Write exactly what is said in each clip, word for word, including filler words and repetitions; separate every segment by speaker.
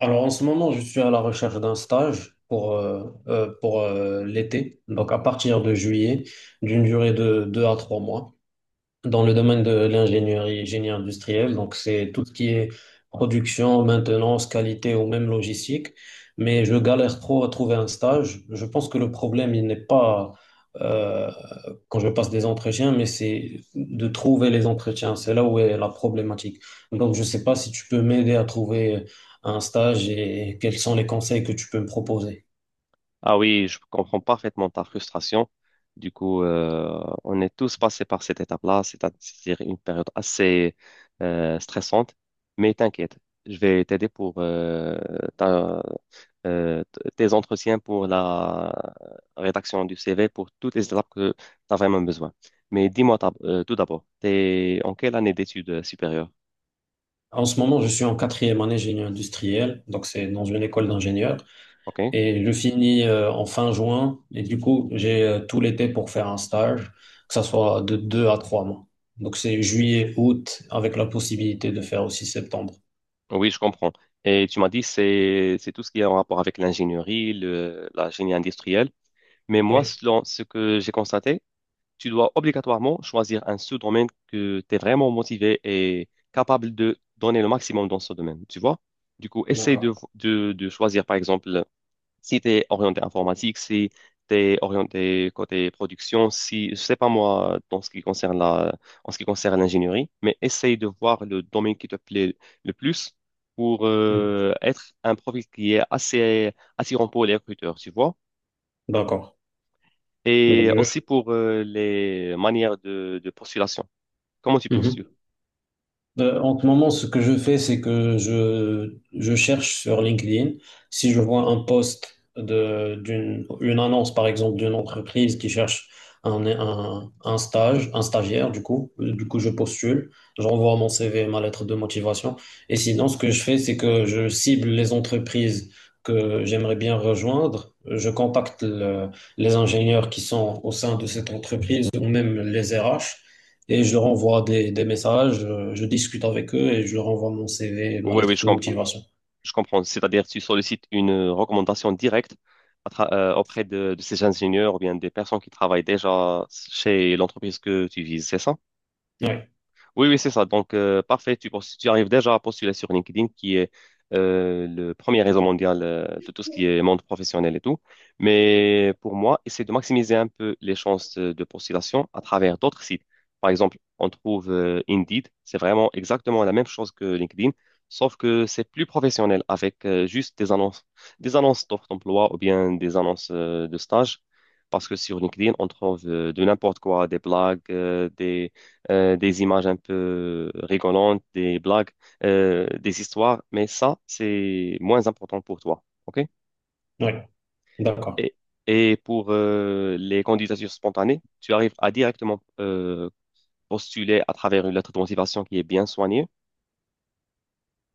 Speaker 1: Alors en ce moment, je suis à la recherche d'un stage pour, euh, euh, pour euh, l'été, donc à partir de juillet, d'une durée de deux à trois mois dans le domaine de l'ingénierie, génie industriel. Donc, c'est tout ce qui est production, maintenance, qualité ou même logistique. Mais je galère trop à trouver un stage. Je pense que le problème, il n'est pas euh, quand je passe des entretiens, mais c'est de trouver les entretiens. C'est là où est la problématique. Donc, je ne sais pas si tu peux m'aider à trouver un stage et quels sont les conseils que tu peux me proposer.
Speaker 2: Ah oui, je comprends parfaitement ta frustration. Du coup, euh, on est tous passés par cette étape-là, c'est- c'est-à-dire une période assez euh, stressante. Mais t'inquiète, je vais t'aider pour euh, ta- euh, t- tes entretiens pour la rédaction du C V, pour toutes les étapes que tu as vraiment besoin. Mais dis-moi t'as- euh, tout d'abord, t'es en quelle année d'études supérieures?
Speaker 1: En ce moment, je suis en quatrième année génie industriel, donc c'est dans une école d'ingénieurs.
Speaker 2: OK?
Speaker 1: Et je finis euh, en fin juin. Et du coup, j'ai euh, tout l'été pour faire un stage, que ça soit de deux à trois mois. Donc c'est juillet, août, avec la possibilité de faire aussi septembre.
Speaker 2: Oui, je comprends. Et tu m'as dit c'est c'est tout ce qui est en rapport avec l'ingénierie, le- la génie industrielle. Mais moi,
Speaker 1: Oui,
Speaker 2: selon ce que j'ai constaté, tu dois obligatoirement choisir un sous-domaine que tu es vraiment motivé et capable de donner le maximum dans ce domaine, tu vois? Du coup, essaye de,
Speaker 1: d'accord.
Speaker 2: de, de choisir, par exemple, si tu es orienté informatique, si tu es orienté côté production, si, je sais pas moi, dans ce qui concerne la, en ce qui concerne l'ingénierie, mais essaye de voir le domaine qui te plaît le plus pour
Speaker 1: Hmm.
Speaker 2: euh, être un profil qui est assez attirant pour les recruteurs, tu vois?
Speaker 1: D'accord.
Speaker 2: Et
Speaker 1: Donc
Speaker 2: aussi
Speaker 1: je-
Speaker 2: pour euh, les manières de, de postulation. Comment tu
Speaker 1: Mhm.
Speaker 2: postules?
Speaker 1: Euh, en ce moment, ce que je fais, c'est que je, je cherche sur LinkedIn. Si je vois un post de, d'une, une annonce, par exemple, d'une entreprise qui cherche un, un, un stage, un stagiaire, du coup, euh, du coup, je postule, j'envoie mon C V et ma lettre de motivation. Et sinon, ce que je fais, c'est que je cible les entreprises que j'aimerais bien rejoindre. Je contacte le- les ingénieurs qui sont au sein de cette entreprise ou même les R H et je leur envoie des, des messages, euh, je discute avec eux et je leur envoie mon C V et ma
Speaker 2: Oui, oui,
Speaker 1: lettre
Speaker 2: je
Speaker 1: de
Speaker 2: comprends.
Speaker 1: motivation.
Speaker 2: Je comprends. C'est-à-dire, tu sollicites une euh, recommandation directe à tra- euh, auprès de, de ces ingénieurs ou bien des personnes qui travaillent déjà chez l'entreprise que tu vises, c'est ça?
Speaker 1: Oui,
Speaker 2: Oui, oui, c'est ça. Donc, euh, parfait. Tu, pos- tu arrives déjà à postuler sur LinkedIn, qui est euh, le premier réseau mondial euh, de tout ce qui est monde professionnel et tout. Mais pour moi, essayer de maximiser un peu les chances euh, de postulation à travers d'autres sites. Par exemple, on trouve euh, Indeed. C'est vraiment exactement la même chose que LinkedIn, sauf que c'est plus professionnel avec euh, juste des annonces, des annonces d'offres d'emploi ou bien des annonces euh, de stage. Parce que sur LinkedIn, on trouve euh, de n'importe quoi, des blagues, euh, des euh, des images un peu rigolantes, des blagues, euh, des histoires, mais ça, c'est moins important pour toi. OK?
Speaker 1: oui, d'accord.
Speaker 2: Et, et pour euh, les candidatures spontanées, tu arrives à directement euh, postuler à travers une lettre de motivation qui est bien soignée.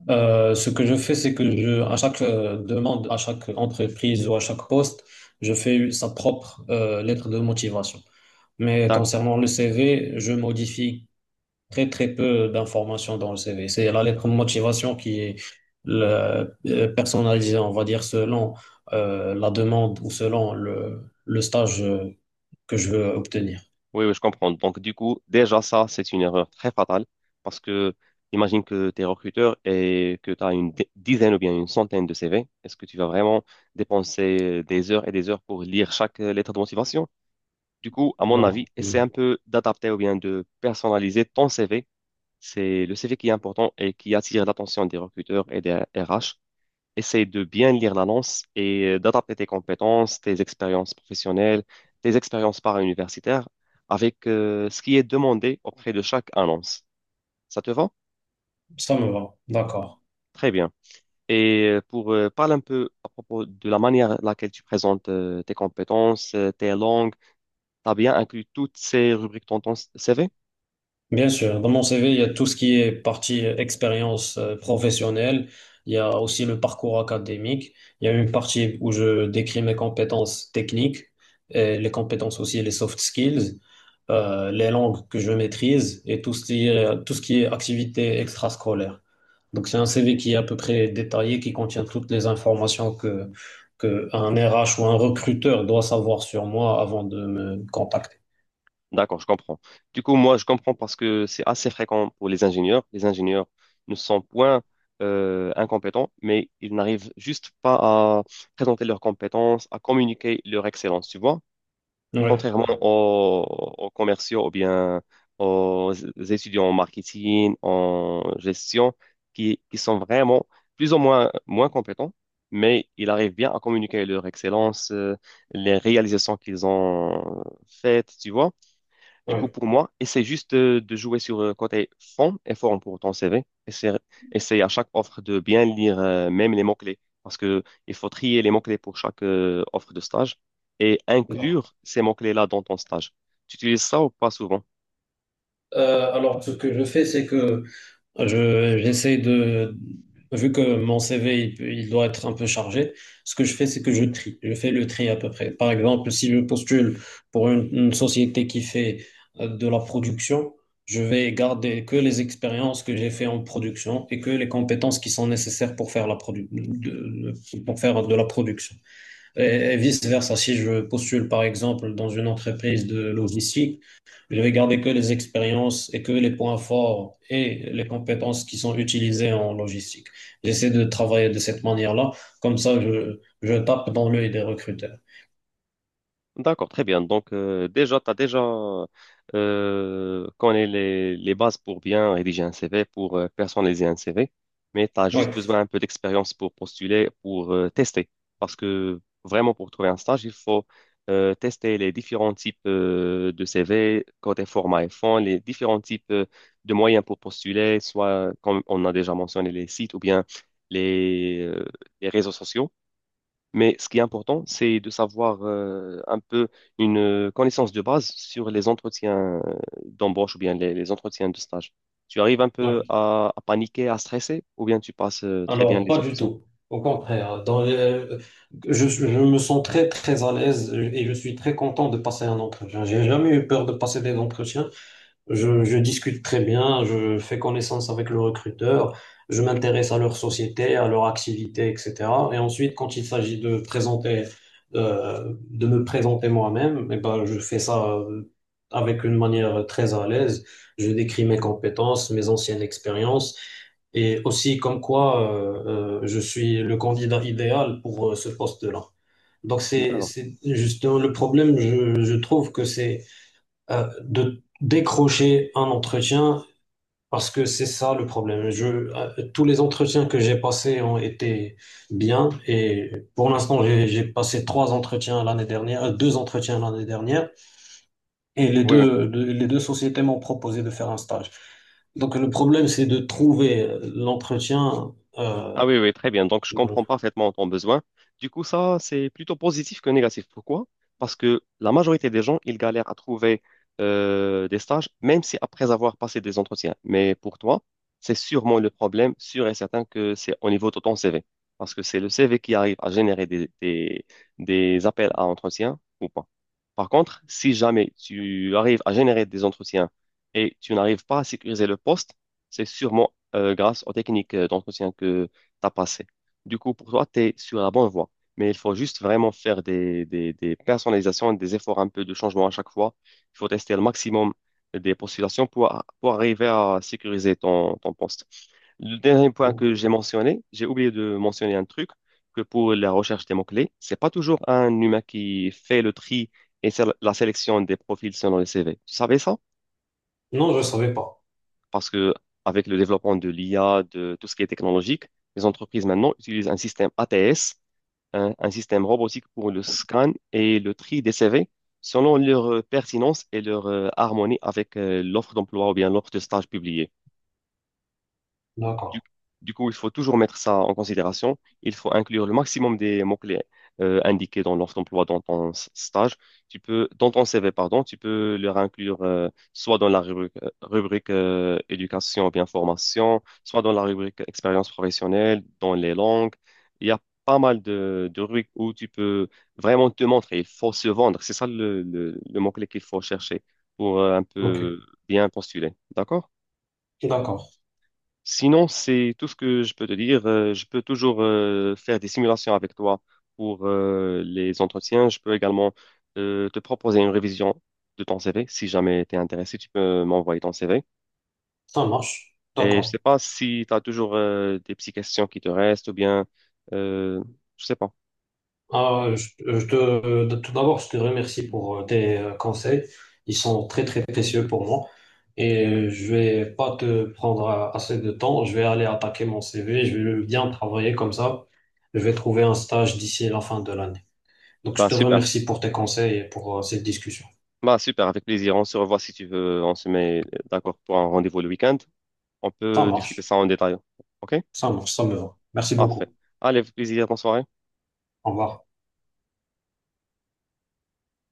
Speaker 1: Euh, ce que je fais, c'est que je, à chaque euh, demande, à chaque entreprise ou à chaque poste, je fais sa propre euh, lettre de motivation. Mais
Speaker 2: D'accord.
Speaker 1: concernant le C V, je modifie très très peu d'informations dans le C V. C'est la lettre de motivation qui est la- euh, personnalisée, on va dire, selon euh, la demande ou selon le, le stage euh, que je veux obtenir.
Speaker 2: Oui, oui, je comprends. Donc, du coup, déjà, ça, c'est une erreur très fatale parce que imagine que tu es recruteur et que tu as une di- dizaine ou bien une centaine de C V. Est-ce que tu vas vraiment dépenser des heures et des heures pour lire chaque euh, lettre de motivation? Du coup, à mon avis,
Speaker 1: Non,
Speaker 2: essaie un
Speaker 1: Mm.
Speaker 2: peu d'adapter ou bien de personnaliser ton C V. C'est le C V qui est important et qui attire l'attention des recruteurs et des R H, essaye de bien lire l'annonce et euh, d'adapter tes compétences, tes expériences professionnelles, tes expériences para-universitaires avec euh, ce qui est demandé auprès de chaque annonce. Ça te va?
Speaker 1: Ça me va, d'accord.
Speaker 2: Très bien. Et euh, pour euh, parler un peu à propos de la manière laquelle tu présentes euh, tes compétences, euh, tes langues, tu as bien inclus toutes ces rubriques dans ton C V?
Speaker 1: Bien sûr, dans mon C V, il y a tout ce qui est partie euh, expérience euh, professionnelle, il y a aussi le parcours académique, il y a une partie où je décris mes compétences techniques, et les compétences aussi, les soft skills, euh, les langues que je maîtrise et tout ce qui est, tout ce qui est activité extrascolaire. Donc c'est un C V qui est à peu près détaillé, qui contient toutes les informations que, que un R H ou un recruteur doit savoir sur moi avant de me contacter.
Speaker 2: D'accord, je comprends. Du coup, moi, je comprends parce que c'est assez fréquent pour les ingénieurs. Les ingénieurs ne sont point euh, incompétents, mais ils n'arrivent juste pas à présenter leurs compétences, à communiquer leur excellence, tu vois.
Speaker 1: Ouais,
Speaker 2: Contrairement aux, aux commerciaux ou bien aux étudiants en marketing, en gestion, qui, qui sont vraiment plus ou moins moins compétents, mais ils arrivent bien à communiquer leur excellence, euh, les réalisations qu'ils ont faites, tu vois. Du coup,
Speaker 1: ouais.
Speaker 2: pour moi, essaie juste de, de jouer sur le côté fond et forme pour ton C V. Essaie, essaie à chaque offre de bien lire euh, même les mots-clés parce que il faut trier les mots-clés pour chaque euh, offre de stage et
Speaker 1: Non.
Speaker 2: inclure ces mots-clés-là dans ton stage. Tu utilises ça ou pas souvent?
Speaker 1: Euh, alors, ce que je fais, c'est que je, j'essaie de, vu que mon C V, il, peut- il doit être un peu chargé, ce que je fais, c'est que je trie. Je fais le tri à peu près. Par exemple, si je postule pour une, une société qui fait euh, de la production, je vais garder que les expériences que j'ai fait en production et que les compétences qui sont nécessaires pour faire la produ- de, de- pour faire de la production. Et, et vice-versa, si je postule, par exemple, dans une entreprise de logistique, je vais garder que les expériences et que les points forts et les compétences qui sont utilisées en logistique. J'essaie de travailler de cette manière-là. Comme ça, je, je tape dans l'œil des recruteurs.
Speaker 2: D'accord, très bien. Donc, euh, déjà, tu as déjà euh, connais les, les bases pour bien rédiger un C V, pour euh, personnaliser un C V, mais tu as
Speaker 1: Oui,
Speaker 2: juste besoin un peu d'expérience pour postuler, pour euh, tester. Parce que vraiment, pour trouver un stage, il faut euh, tester les différents types euh, de C V, côté format et fond, les différents types euh, de moyens pour postuler, soit comme on a déjà mentionné les sites ou bien les, euh, les réseaux sociaux. Mais ce qui est important, c'est de savoir euh, un peu une euh, connaissance de base sur les entretiens euh, d'embauche ou bien les, les entretiens de stage. Tu arrives un peu
Speaker 1: oui.
Speaker 2: à, à paniquer, à stresser, ou bien tu passes euh, très bien
Speaker 1: Alors,
Speaker 2: les
Speaker 1: pas du
Speaker 2: entretiens?
Speaker 1: tout. Au contraire, dans les- je, je me sens très, très à l'aise et je suis très content de passer un entretien. J'ai jamais eu peur de passer des entretiens. Je, je discute très bien, je fais connaissance avec le recruteur, je m'intéresse à leur société, à leur activité, et cetera. Et ensuite, quand il s'agit de présenter, euh, de me présenter moi-même, eh ben, je fais ça euh, avec une manière très à l'aise. Je décris mes compétences, mes anciennes expériences et aussi comme quoi euh, euh, je suis le candidat idéal pour euh, ce poste-là. Donc c'est,
Speaker 2: D'accord.
Speaker 1: c'est justement le problème, je, je trouve que c'est euh, de décrocher un entretien parce que c'est ça le problème. Je, euh, tous les entretiens que j'ai passés ont été bien et pour l'instant j'ai j'ai passé trois entretiens l'année dernière, euh, deux entretiens l'année dernière et les
Speaker 2: Oui, oui.
Speaker 1: deux, de- les deux sociétés m'ont proposé de faire un stage. Donc le problème c'est de trouver l'entretien. Euh,
Speaker 2: Ah oui, oui, très bien. Donc, je comprends parfaitement ton besoin. Du coup, ça, c'est plutôt positif que négatif. Pourquoi? Parce que la majorité des gens, ils galèrent à trouver euh, des stages, même si après avoir passé des entretiens. Mais pour toi, c'est sûrement le problème, sûr et certain que c'est au niveau de ton C V. Parce que c'est le C V qui arrive à générer des, des, des appels à entretien ou pas. Par contre, si jamais tu arrives à générer des entretiens et tu n'arrives pas à sécuriser le poste, c'est sûrement euh, grâce aux techniques euh, d'entretien t'as passé. Du coup, pour toi, tu es sur la bonne voie. Mais il faut juste vraiment faire des, des, des personnalisations, des efforts un peu de changement à chaque fois. Il faut tester le maximum des postulations pour, pour arriver à sécuriser ton, ton poste. Le dernier point que j'ai mentionné, j'ai oublié de mentionner un truc, que pour la recherche des mots-clés, c'est pas toujours un humain qui fait le tri et sé- la sélection des profils selon les C V. Tu savais ça?
Speaker 1: non, je savais pas.
Speaker 2: Parce que avec le développement de l'I A, de tout ce qui est technologique, les entreprises maintenant utilisent un système A T S, un, un système robotique pour le scan et le tri des C V selon leur euh, pertinence et leur euh, harmonie avec euh, l'offre d'emploi ou bien l'offre de stage publiée. Du,
Speaker 1: D'accord.
Speaker 2: du coup, il faut toujours mettre ça en considération. Il faut inclure le maximum des mots-clés euh, indiqués dans l'offre d'emploi dans ton s- stage. Tu peux, dans ton C V, pardon, tu peux leur inclure euh, soit dans la rubrique, euh, rubrique euh, éducation ou bien formation, soit dans la rubrique expérience professionnelle, dans les langues. Il y a pas mal de, de rubriques où tu peux vraiment te montrer. Il faut se vendre. C'est ça le, le- le mot-clé qu'il faut chercher pour euh, un
Speaker 1: Ok.
Speaker 2: peu bien postuler. D'accord?
Speaker 1: D'accord.
Speaker 2: Sinon, c'est tout ce que je peux te dire. Euh, je peux toujours euh, faire des simulations avec toi pour euh, les entretiens. Je peux également euh, te proposer une révision de ton C V. Si jamais tu es intéressé, tu peux m'envoyer ton C V.
Speaker 1: Ça marche.
Speaker 2: Et je
Speaker 1: D'accord.
Speaker 2: sais pas si tu as toujours euh, des petites questions qui te restent ou bien, euh, je sais pas.
Speaker 1: Ah, je, je te, tout d'abord, je te remercie pour euh, tes euh, conseils. Ils sont très, très précieux pour moi. Et euh, je vais pas te prendre euh, assez de temps. Je vais aller attaquer mon C V. Je vais bien travailler comme ça. Je vais trouver un stage d'ici la fin de l'année. Donc, je
Speaker 2: Bah
Speaker 1: te
Speaker 2: super.
Speaker 1: remercie pour tes conseils et pour euh, cette discussion.
Speaker 2: Bah super, avec plaisir. On se revoit si tu veux. On se met euh, d'accord pour un rendez-vous le week-end. On
Speaker 1: Ça
Speaker 2: peut discuter
Speaker 1: marche.
Speaker 2: ça en détail. OK?
Speaker 1: Ça marche. Ça me va. Merci
Speaker 2: Parfait.
Speaker 1: beaucoup.
Speaker 2: Allez, avec plaisir. Bonne soirée.
Speaker 1: Au revoir.